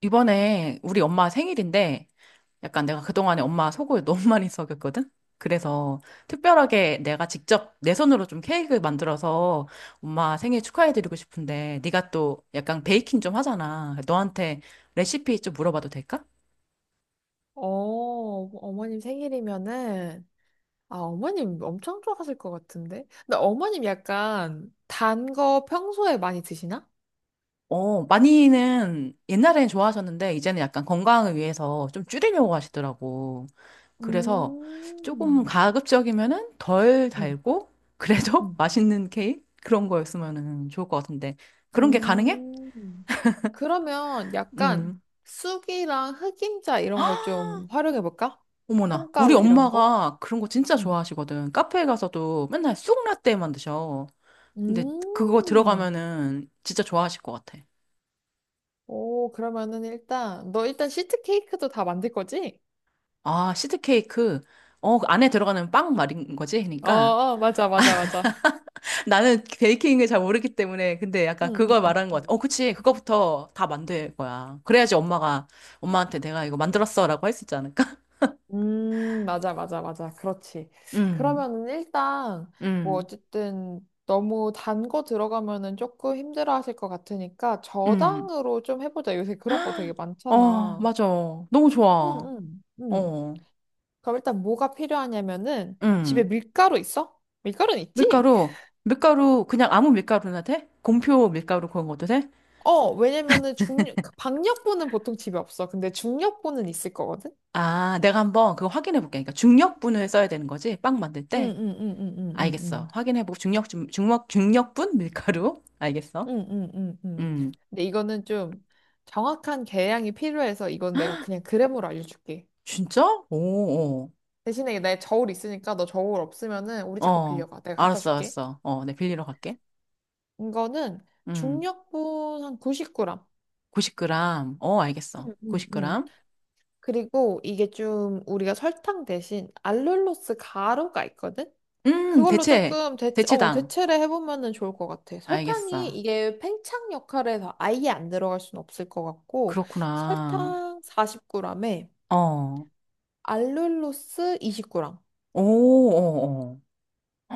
이번에 우리 엄마 생일인데 약간 내가 그동안에 엄마 속을 너무 많이 썩였거든? 그래서 특별하게 내가 직접 내 손으로 좀 케이크 만들어서 엄마 생일 축하해드리고 싶은데 네가 또 약간 베이킹 좀 하잖아. 너한테 레시피 좀 물어봐도 될까? 어, 어머님 생일이면은, 아, 어머님 엄청 좋아하실 것 같은데? 근데 어머님 약간 단 거 평소에 많이 드시나? 어, 많이는 옛날에는 좋아하셨는데 이제는 약간 건강을 위해서 좀 줄이려고 하시더라고. 그래서 조금 음, 가급적이면은 덜 음, 달고 그래도 음, 맛있는 케이크 그런 거였으면은 좋을 것 같은데 그런 게 가능해? 음. 그러면 약간 음. 쑥이랑 흑임자 이런 걸 좀 활용해볼까? 어머나, 우리 콩가루 이런 거? 엄마가 그런 거 진짜 음. 좋아하시거든. 카페에 가서도 맨날 쑥라떼만 드셔. 근데 그거 음. 들어가면은 진짜 좋아하실 것 같아. 오, 그러면은 일단, 너 일단 시트 케이크도 다 만들 거지? 아, 시드케이크. 어, 그 안에 들어가는 빵 말인 거지? 어, 그러니까 어, 맞아, 맞아, 맞아. 나는 베이킹을 잘 모르기 때문에 근데 약간 응, 응, 그걸 말하는 것 같아. 응. 어, 그치. 그거부터 다 만들 거야. 그래야지 엄마가 엄마한테 내가 이거 만들었어라고 할 수 있지 않을까? 맞아, 맞아, 맞아. 그렇지. 음. 그러면은 일단, 뭐, 음. 어쨌든, 너무 단 거 들어가면은 조금 힘들어 하실 것 같으니까, 음. 저당으로 좀 해보자. 요새 그런 거 되게 어, 많잖아. 맞아. 너무 좋아. 응, 응, 응. 어. 그럼 일단 뭐가 필요하냐면은, 집에 음. 밀가루 있어? 밀가루는 있지? 밀가루. 밀가루 그냥 아무 밀가루나 돼? 공표 밀가루 그런 것도 돼? 어, 왜냐면은 중력, 박력분은 보통 집에 없어. 근데 중력분은 있을 거거든? 아, 내가 한번 그거 확인해 볼게. 그러니까 중력분을 써야 되는 거지. 빵 만들 응, 때. 응, 응, 응, 응, 알겠어. 응. 확인해 보고 중력 중 중력 중력분 밀가루. 알겠어. 응, 응, 응, 응. 음. 근데 이거는 좀 정확한 계량이 필요해서 이건 내가 그냥 그램으로 알려줄게. 진짜? 오, 오. 대신에 내 저울 있으니까 너 저울 없으면은 우리 집 거 어, 빌려가. 내가 갖다 알았어, 줄게. 알았어. 어, 내 빌리러 갈게. 이거는 음, 중력분 한 90g. 90g. 어, 알겠어. 응, 응, 응. 90g. 그리고 이게 좀 우리가 설탕 대신 알룰로스 가루가 있거든? 그걸로 대체, 조금 대체, 어, 대체당. 대체를 해보면은 좋을 것 같아. 설탕이 알겠어. 이게 팽창 역할에서 아예 안 들어갈 순 없을 것 같고, 그렇구나. 설탕 40g에 어, 오, 알룰로스 20g. 오, 오.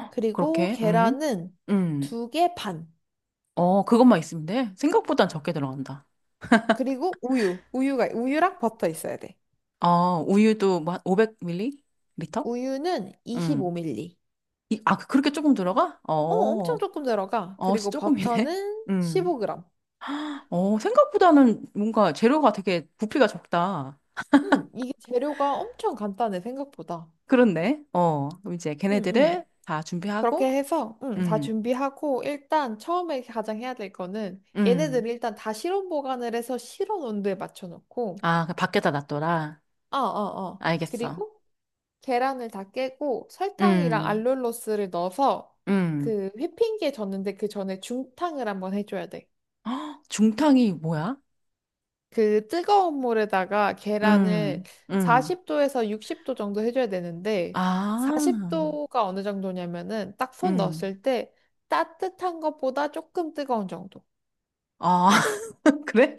그리고 그렇게, 계란은 음. 두 개 반. 어, 그것만 있으면 돼. 생각보단 적게 들어간다. 그리고 우유. 우유가, 우유랑 버터 있어야 돼. 어, 우유도 뭐 500ml? 리터? 우유는 음. 25ml. 이, 아, 그, 그렇게 조금 들어가? 어, 어, 엄청 조금 들어가. 어, 그리고 조금이네. 버터는 음. 15g. 어, 생각보다는 뭔가 재료가 되게 부피가 적다. 이게 재료가 엄청 간단해, 생각보다. 그렇네. 어, 그럼 이제 응 응 걔네들을 다 준비하고, 그렇게 해서, 응 다 음, 준비하고, 일단 처음에 가장 해야 될 거는, 음. 얘네들 일단 다 실온 보관을 해서 실온 온도에 맞춰놓고, 아, 그 밖에다 놨더라. 아, 아, 아. 알겠어. 그리고 계란을 다 깨고 설탕이랑 음, 알룰로스를 넣어서 음. 그 휘핑기에 젓는데 그 전에 중탕을 한번 해줘야 돼. 헉, 중탕이 뭐야? 그 뜨거운 물에다가 계란을 음, 음. 40도에서 60도 정도 해줘야 되는데 아, 40도가 어느 정도냐면은 딱 손 음. 넣었을 때 따뜻한 것보다 조금 뜨거운 정도. 아, 그래?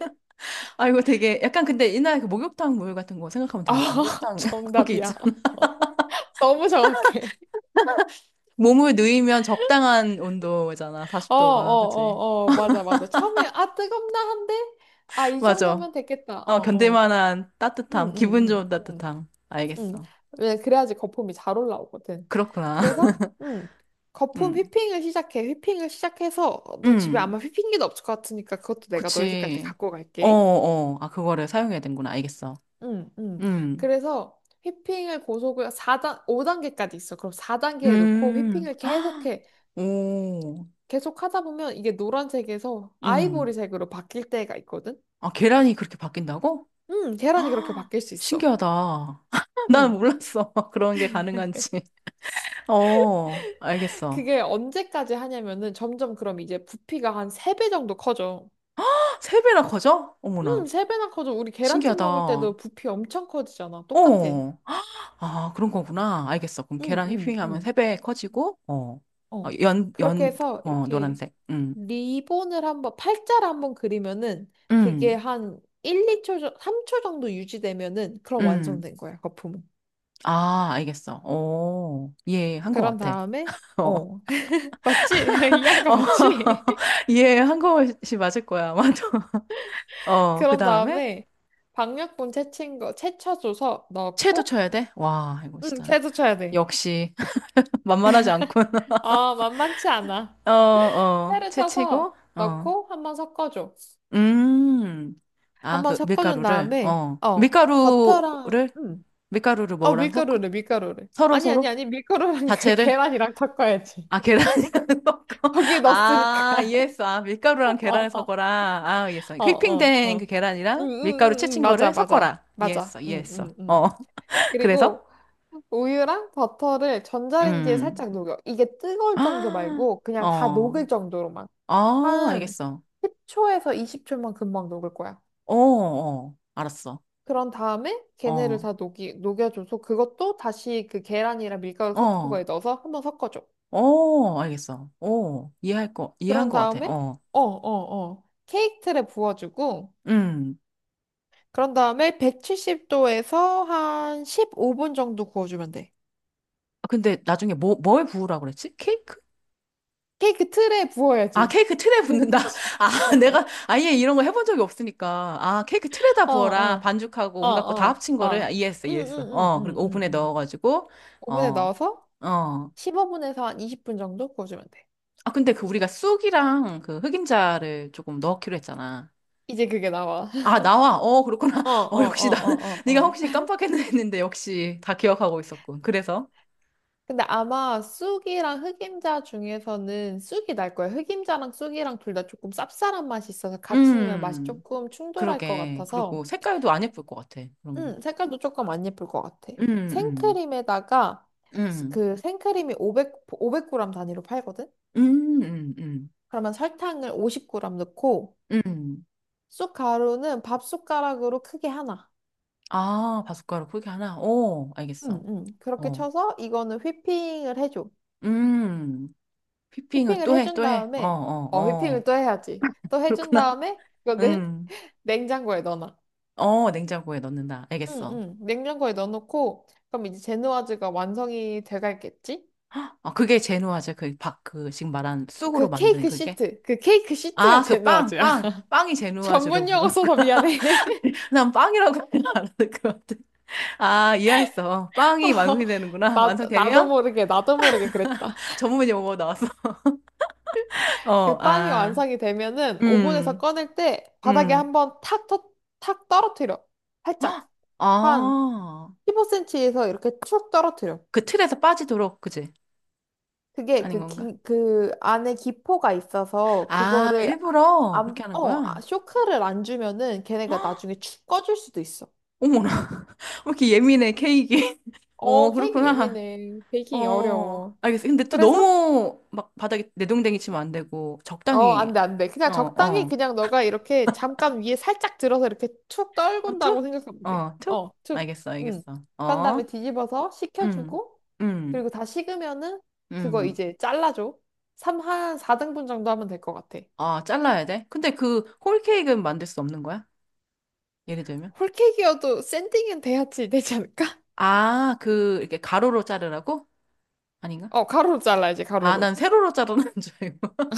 아, 이거 되게, 약간 근데 옛날에 그 목욕탕 물 같은 거 생각하면 아, 되겠다. 목욕탕, 거기 정답이야. 있잖아. 너무 정확해. 몸을 누이면 적당한 온도잖아. 어, 어, 40도가. 그치? 어, 어, 맞아, 맞아. 처음에, 아, 뜨겁나 한데? 아, 이 맞아. 정도면 됐겠다. 어, 어, 견딜 어. 만한 응, 따뜻함, 기분 좋은 응, 응, 응, 따뜻함. 응. 알겠어. 왜, 그래야지 거품이 잘 올라오거든. 그렇구나. 그래서, 응, 거품 음, 휘핑을 시작해. 휘핑을 시작해서, 너 집에 음, 아마 휘핑기도 없을 것 같으니까 그것도 내가 너희 집 갈 때 그치. 갖고 어, 갈게. 어, 아, 그거를 사용해야 되는구나. 알겠어. 응, 응. 음, 그래서 휘핑을 고속을 사단 5단계까지 있어. 그럼 4단계에 놓고 음, 휘핑을 계속해. 오, 계속 하다 보면 이게 노란색에서 음. 아이보리색으로 바뀔 때가 있거든. 아, 계란이 그렇게 바뀐다고? 응, 계란이 그렇게 아, 바뀔 수 있어. 신기하다. 난 응. 몰랐어. 그런 게 가능한지. 어, 알겠어. 그게 언제까지 하냐면은 점점 그럼 이제 부피가 한 3배 정도 커져. 세 배나 커져? 어머나. 3배나 커져. 우리 계란찜 먹을 신기하다. 때도 부피 엄청 커지잖아. 똑같아. 어. 아, 그런 거구나. 알겠어. 그럼 응 계란 휘핑하면 응응. 세 배 커지고, 어, 어, 어. 연, 그렇게 연, 해서 어, 이렇게 노란색. 리본을 한번, 팔자를 한번 그리면은 그게 음, 한 1, 2초, 3초 정도 유지되면은 그럼 음. 완성된 거야, 거품은. 아, 알겠어. 오, 이해한 거 그런 같아. 다음에, 어, 어. 맞지? 어, 이 한 거 맞지? 이해한 것이 맞을 거야. 맞아. 어, 그 그런 다음에, 다음에 방역분 채친 거, 채쳐줘서 채도 넣고, 쳐야 돼? 와, 이거 응, 진짜. 채도 쳐야 돼. 역시, 만만하지 않군. 아, 만만치 않아. 어, 어, 채를 채 치고, 쳐서 어. 넣고 한번 섞어줘. 음. 아, 한번 그 섞어준 밀가루를 다음에, 어. 어, 버터랑, 밀가루를 밀가루를 어, 뭐랑 섞어? 밀가루를, 밀가루를. 서로 아니, 아니, 서로? 아니, 밀가루랑 그 자체를? 계란이랑 섞어야지. 아, 계란이랑 섞어? 거기에 아, 넣었으니까. 이해했어. 아, 밀가루랑 어, 계란을 어, 섞어라. 아, 이해했어. 어, 어, 휘핑된 그 어. 응, 계란이랑 응, 밀가루 응, 응, 채친 맞아, 거를 맞아. 섞어라. 맞아. 이해했어. 응, 이해했어. 응, 어. 응. 그래서? 그리고 우유랑 버터를 전자레인지에 음. 살짝 녹여. 이게 뜨거울 정도 아, 말고 그냥 다 어. 녹을 정도로만. 아, 한 알겠어. 10초에서 20초만 금방 녹을 거야. 어, 어. 알았어. 그런 다음에 걔네를 어. 다 녹여줘서 그것도 다시 그 계란이랑 밀가루 섞은 어. 거에 넣어서 한번 섞어줘. 어, 알겠어. 이해한 그런 거 같아. 다음에, 어, 어, 어, 어. 케이크 틀에 부어주고, 음. 그런 다음에 170도에서 한 15분 정도 구워주면 돼. 아, 근데 나중에 뭐, 뭘 부으라고 그랬지? 케이크? 케이크 틀에 아, 부어야지. 케이크 틀에 그래서 붓는다. 굽지. 아, 내가 아예 이런 거 해본 적이 없으니까. 아, 케이크 틀에다 어, 부어라. 어, 반죽하고 어, 온갖 거 다 어, 합친 거를 어. 이해했어, 응, 응, 이해했어. 응, 어, 응, 그리고 응, 오븐에 응. 넣어가지고, 어, 오븐에 어. 넣어서 15분에서 한 20분 정도 구워주면 돼. 아, 근데 그 우리가 쑥이랑 그 흑임자를 조금 넣기로 했잖아. 이제 그게 나와. 아, 나와. 어, 그렇구나. 어, 어, 어, 역시 어, 나는, 어, 어, 네가 어. 혹시 깜빡했나 했는데 역시 다 기억하고 있었군. 그래서. 근데 아마 쑥이랑 흑임자 중에서는 쑥이 날 거예요. 흑임자랑 쑥이랑 둘 다 조금 쌉쌀한 맛이 있어서 같이 넣으면 맛이 음. 조금 충돌할 것 그러게. 그리고 같아서 색깔도 안 예쁠 것 같아. 그런 거. 색깔도 조금 안 예쁠 것 같아. 음, 음, 생크림에다가 음, 그 생크림이 500, 500g 단위로 팔거든? 음, 음, 음, 그러면 설탕을 50g 넣고 음. 쑥 가루는 밥숟가락으로 크게 하나. 아, 바숫가루 포기 하나? 오, 알겠어. 그렇게 어, 쳐서 이거는 휘핑을 해줘. 음. 피핑을 휘핑을 또 해, 해준 또 해. 어, 다음에, 어, 어, 휘핑을 어. 또 해야지. 또 해준 그렇구나. 다음에, 이거를 음. 냉장고에 넣어놔. 어, 냉장고에 넣는다. 응, 알겠어. 응. 냉장고에 넣어놓고, 그럼 이제 제누아즈가 완성이 돼가겠지? 아, 그게 제누아제, 그, 박, 그, 지금 말한 쑥으로 그 만드는 케이크 그게? 시트, 그 케이크 시트가 아, 그 빵, 제누아즈야. 빵. 빵이 제누아제로 전문 용어 부르는구나. 써서 미안해. 난 빵이라고 안 하는 것 같아. 아, 이해했어. 어, 빵이 완성이 되는구나. 나도 완성되면 모르게, 나도 모르게 그랬다. 전문이 용어 나왔어. 어, 그 빵이 아, 완성이 되면은 오븐에서 음, 꺼낼 때 바닥에 음. 한번 탁, 탁 떨어뜨려. 살짝. 헉, 한 아, 15cm에서 이렇게 툭 떨어뜨려. 그 틀에서 빠지도록, 그지? 그게 아닌 건가? 그 안에 기포가 있어서 아, 그거를 일부러 안, 그렇게 하는 어, 아, 거야? 쇼크를 안 주면은 걔네가 헉, 나중에 축 꺼줄 수도 있어. 어머나. 왜 이렇게 예민해, 케이크. 어, 어, 케이크 그렇구나. 예민해. 베이킹이 어, 어려워. 알겠어. 근데 또 그래서 너무 막 바닥에 내동댕이 치면 안 되고, 어, 적당히, 안 돼, 안 돼. 그냥 어, 적당히 어. 그냥 너가 이렇게 잠깐 위에 살짝 들어서 이렇게 툭 막 떨군다고 툭, 생각하면 돼. 어, 툭. 어, 툭. 알겠어, 응. 알겠어. 그런 어. 다음에 뒤집어서 응 식혀주고 응 그리고 다 식으면은 그거 응 이제 잘라줘. 삼한 4등분 정도 하면 될 것 같아. 아, 잘라야 돼? 근데 그 홀케이크는 만들 수 없는 거야? 예를 들면? 홀케이크여도 샌딩은 돼야지 되지 않을까? 아, 그, 이렇게 가로로 자르라고? 아닌가? 어, 가로로 잘라야지, 아, 난 가로로. 세로로 자르는 줄 알고.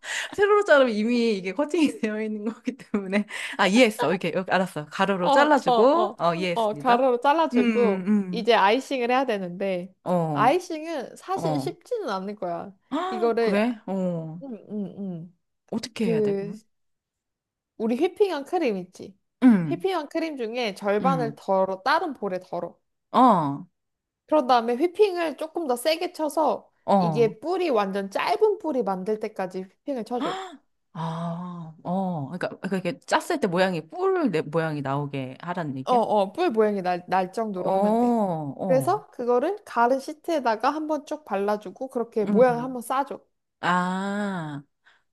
세로로 자르면 이미 이게 커팅이 되어 있는 거기 때문에. 아, 이해했어. 이렇게, 이렇게 알았어. 가로로 어, 어, 잘라주고, 어, 어, 어, 이해했습니다. 가로로 음, 잘라주고, 음. 이제 아이싱을 해야 되는데, 어, 아이싱은 사실 어. 쉽지는 않을 거야. 아, 이거를, 그래? 어. 음, 음, 음. 어떻게 해야 돼, 그, 그러면? 우리 휘핑한 크림 있지? 음, 휘핑한 크림 중에 절반을 음. 덜어, 다른 볼에 덜어. 어, 그런 다음에 휘핑을 조금 더 세게 쳐서, 어. 이게 뿔이 완전 짧은 뿔이 만들 때까지 휘핑을 쳐줘. 헉! 아, 어, 그러니까, 그러니까 이렇게 짰을 때 모양이 뿔 내- 모양이 나오게 하라는 어, 얘기야? 어, 뿔 모양이 날 정도로 하면 돼. 어, 어, 그래서 그거를 가른 시트에다가 한번 쭉 발라주고 그렇게 모양을 음, 한번 싸줘. 아,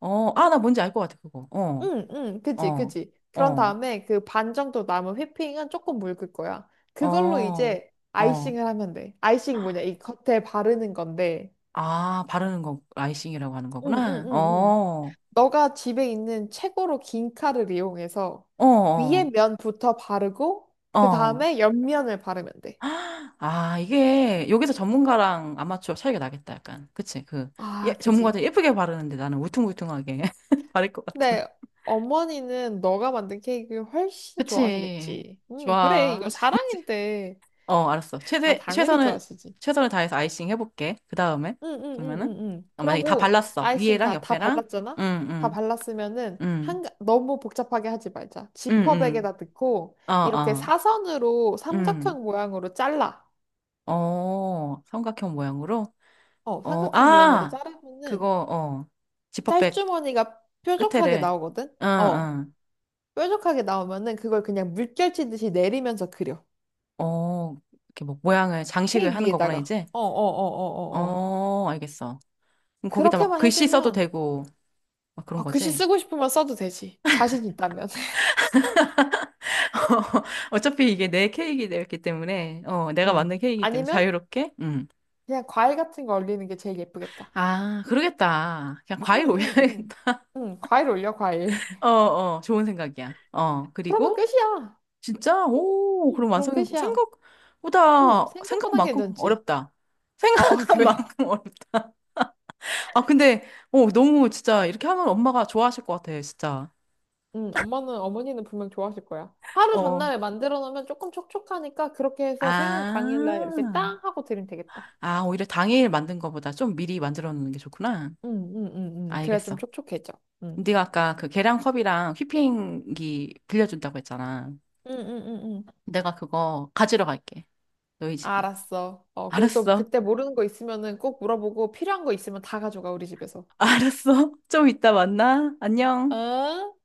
어, 아, 나 뭔지 알 것 같아 그거. 어, 응, 응, 그지, 어, 그지. 그런 어, 다음에 그 반 정도 남은 휘핑은 조금 묽을 거야. 그걸로 어, 이제 어, 아이싱을 하면 돼. 아이싱 뭐냐? 이 겉에 바르는 건데. 아, 바르는 거 라이싱이라고 하는 응, 응, 거구나. 응, 응. 어, 너가 집에 있는 최고로 긴 칼을 이용해서 어, 위에 어, 면부터 바르고 그 어. 다음에 옆면을 바르면 돼. 아, 이게 여기서 전문가랑 아마추어 차이가 나겠다, 약간. 그치? 그, 아, 예, 그지. 전문가들 예쁘게 바르는데 나는 울퉁불퉁하게 바를 것 같은. 근데 어머니는 너가 만든 케이크 훨씬 그치. 좋아하시겠지. 응, 그래. 이거 좋아하시겠지? 사랑인데. 어, 알았어. 아, 당연히 좋아하시지. 최선을 다해서 아이싱 해볼게. 그 다음에. 응, 응, 응, 그러면은, 응, 응. 어, 만약에 다 그러고 발랐어. 아이싱 위에랑 다 옆에랑. 발랐잖아? 응, 다 응, 발랐으면은 응, 한, 너무 복잡하게 하지 말자. 응, 응. 지퍼백에다 넣고 어, 이렇게 어, 사선으로 응. 삼각형 모양으로 잘라. 어, 삼각형 모양으로. 어, 어, 삼각형 모양으로 아! 자르면은 그거, 어. 지퍼백 짤주머니가 뾰족하게 끝에를. 나오거든? 응, 어, 응. 뾰족하게 나오면은 그걸 그냥 물결 치듯이 내리면서 그려. 어, 이렇게 뭐, 모양을, 장식을 케이크 하는 거구나, 위에다가. 이제. 어, 어, 어, 어, 어, 어. 어, 알겠어. 그럼 거기다 막 그렇게만 글씨 써도 해주면 되고, 막 그런 아 글씨 거지? 쓰고 싶으면 써도 되지. 자신 있다면. 어차피 이게 내 케이크이기 때문에, 어, 내가 응, 만든 케이크이기 때문에 아니면 자유롭게, 그냥 과일 같은 거 올리는 게 제일 예쁘겠다. 아, 그러겠다. 그냥 응, 과일 응, 응. 올려야겠다. 응, 과일 올려, 과일. 어, 어, 좋은 생각이야. 어, 그러면 그리고, 끝이야. 진짜, 오, 응. 그럼 그럼 완성이 끝이야. 응, 생각보다, 생각보단 생각만큼 괜찮지. 어렵다. 아, 어, 생각한 그래. 만큼 어렵다. 아, 근데, 어, 너무 진짜, 이렇게 하면 엄마가 좋아하실 것 같아, 진짜. 응, 어머니는 분명 좋아하실 거야. 하루 어. 전날에 만들어 놓으면 조금 촉촉하니까 그렇게 해서 생일 당일날 이렇게 아, 땅 하고 드리면 되겠다. 아, 오히려 당일 만든 거보다 좀 미리 만들어 놓는 게 좋구나. 응, 응, 응, 응. 그래야 좀 알겠어. 촉촉해져. 응. 네가 아까 그 계량컵이랑 휘핑기 빌려준다고 했잖아. 응, 응, 응, 응. 내가 그거 가지러 갈게. 너희 집에. 알았어. 어, 그래서 또 알았어. 그때 모르는 거 있으면은 꼭 물어보고 필요한 거 있으면 다 가져가, 우리 집에서. 알았어. 좀 이따 만나. 안녕. 응?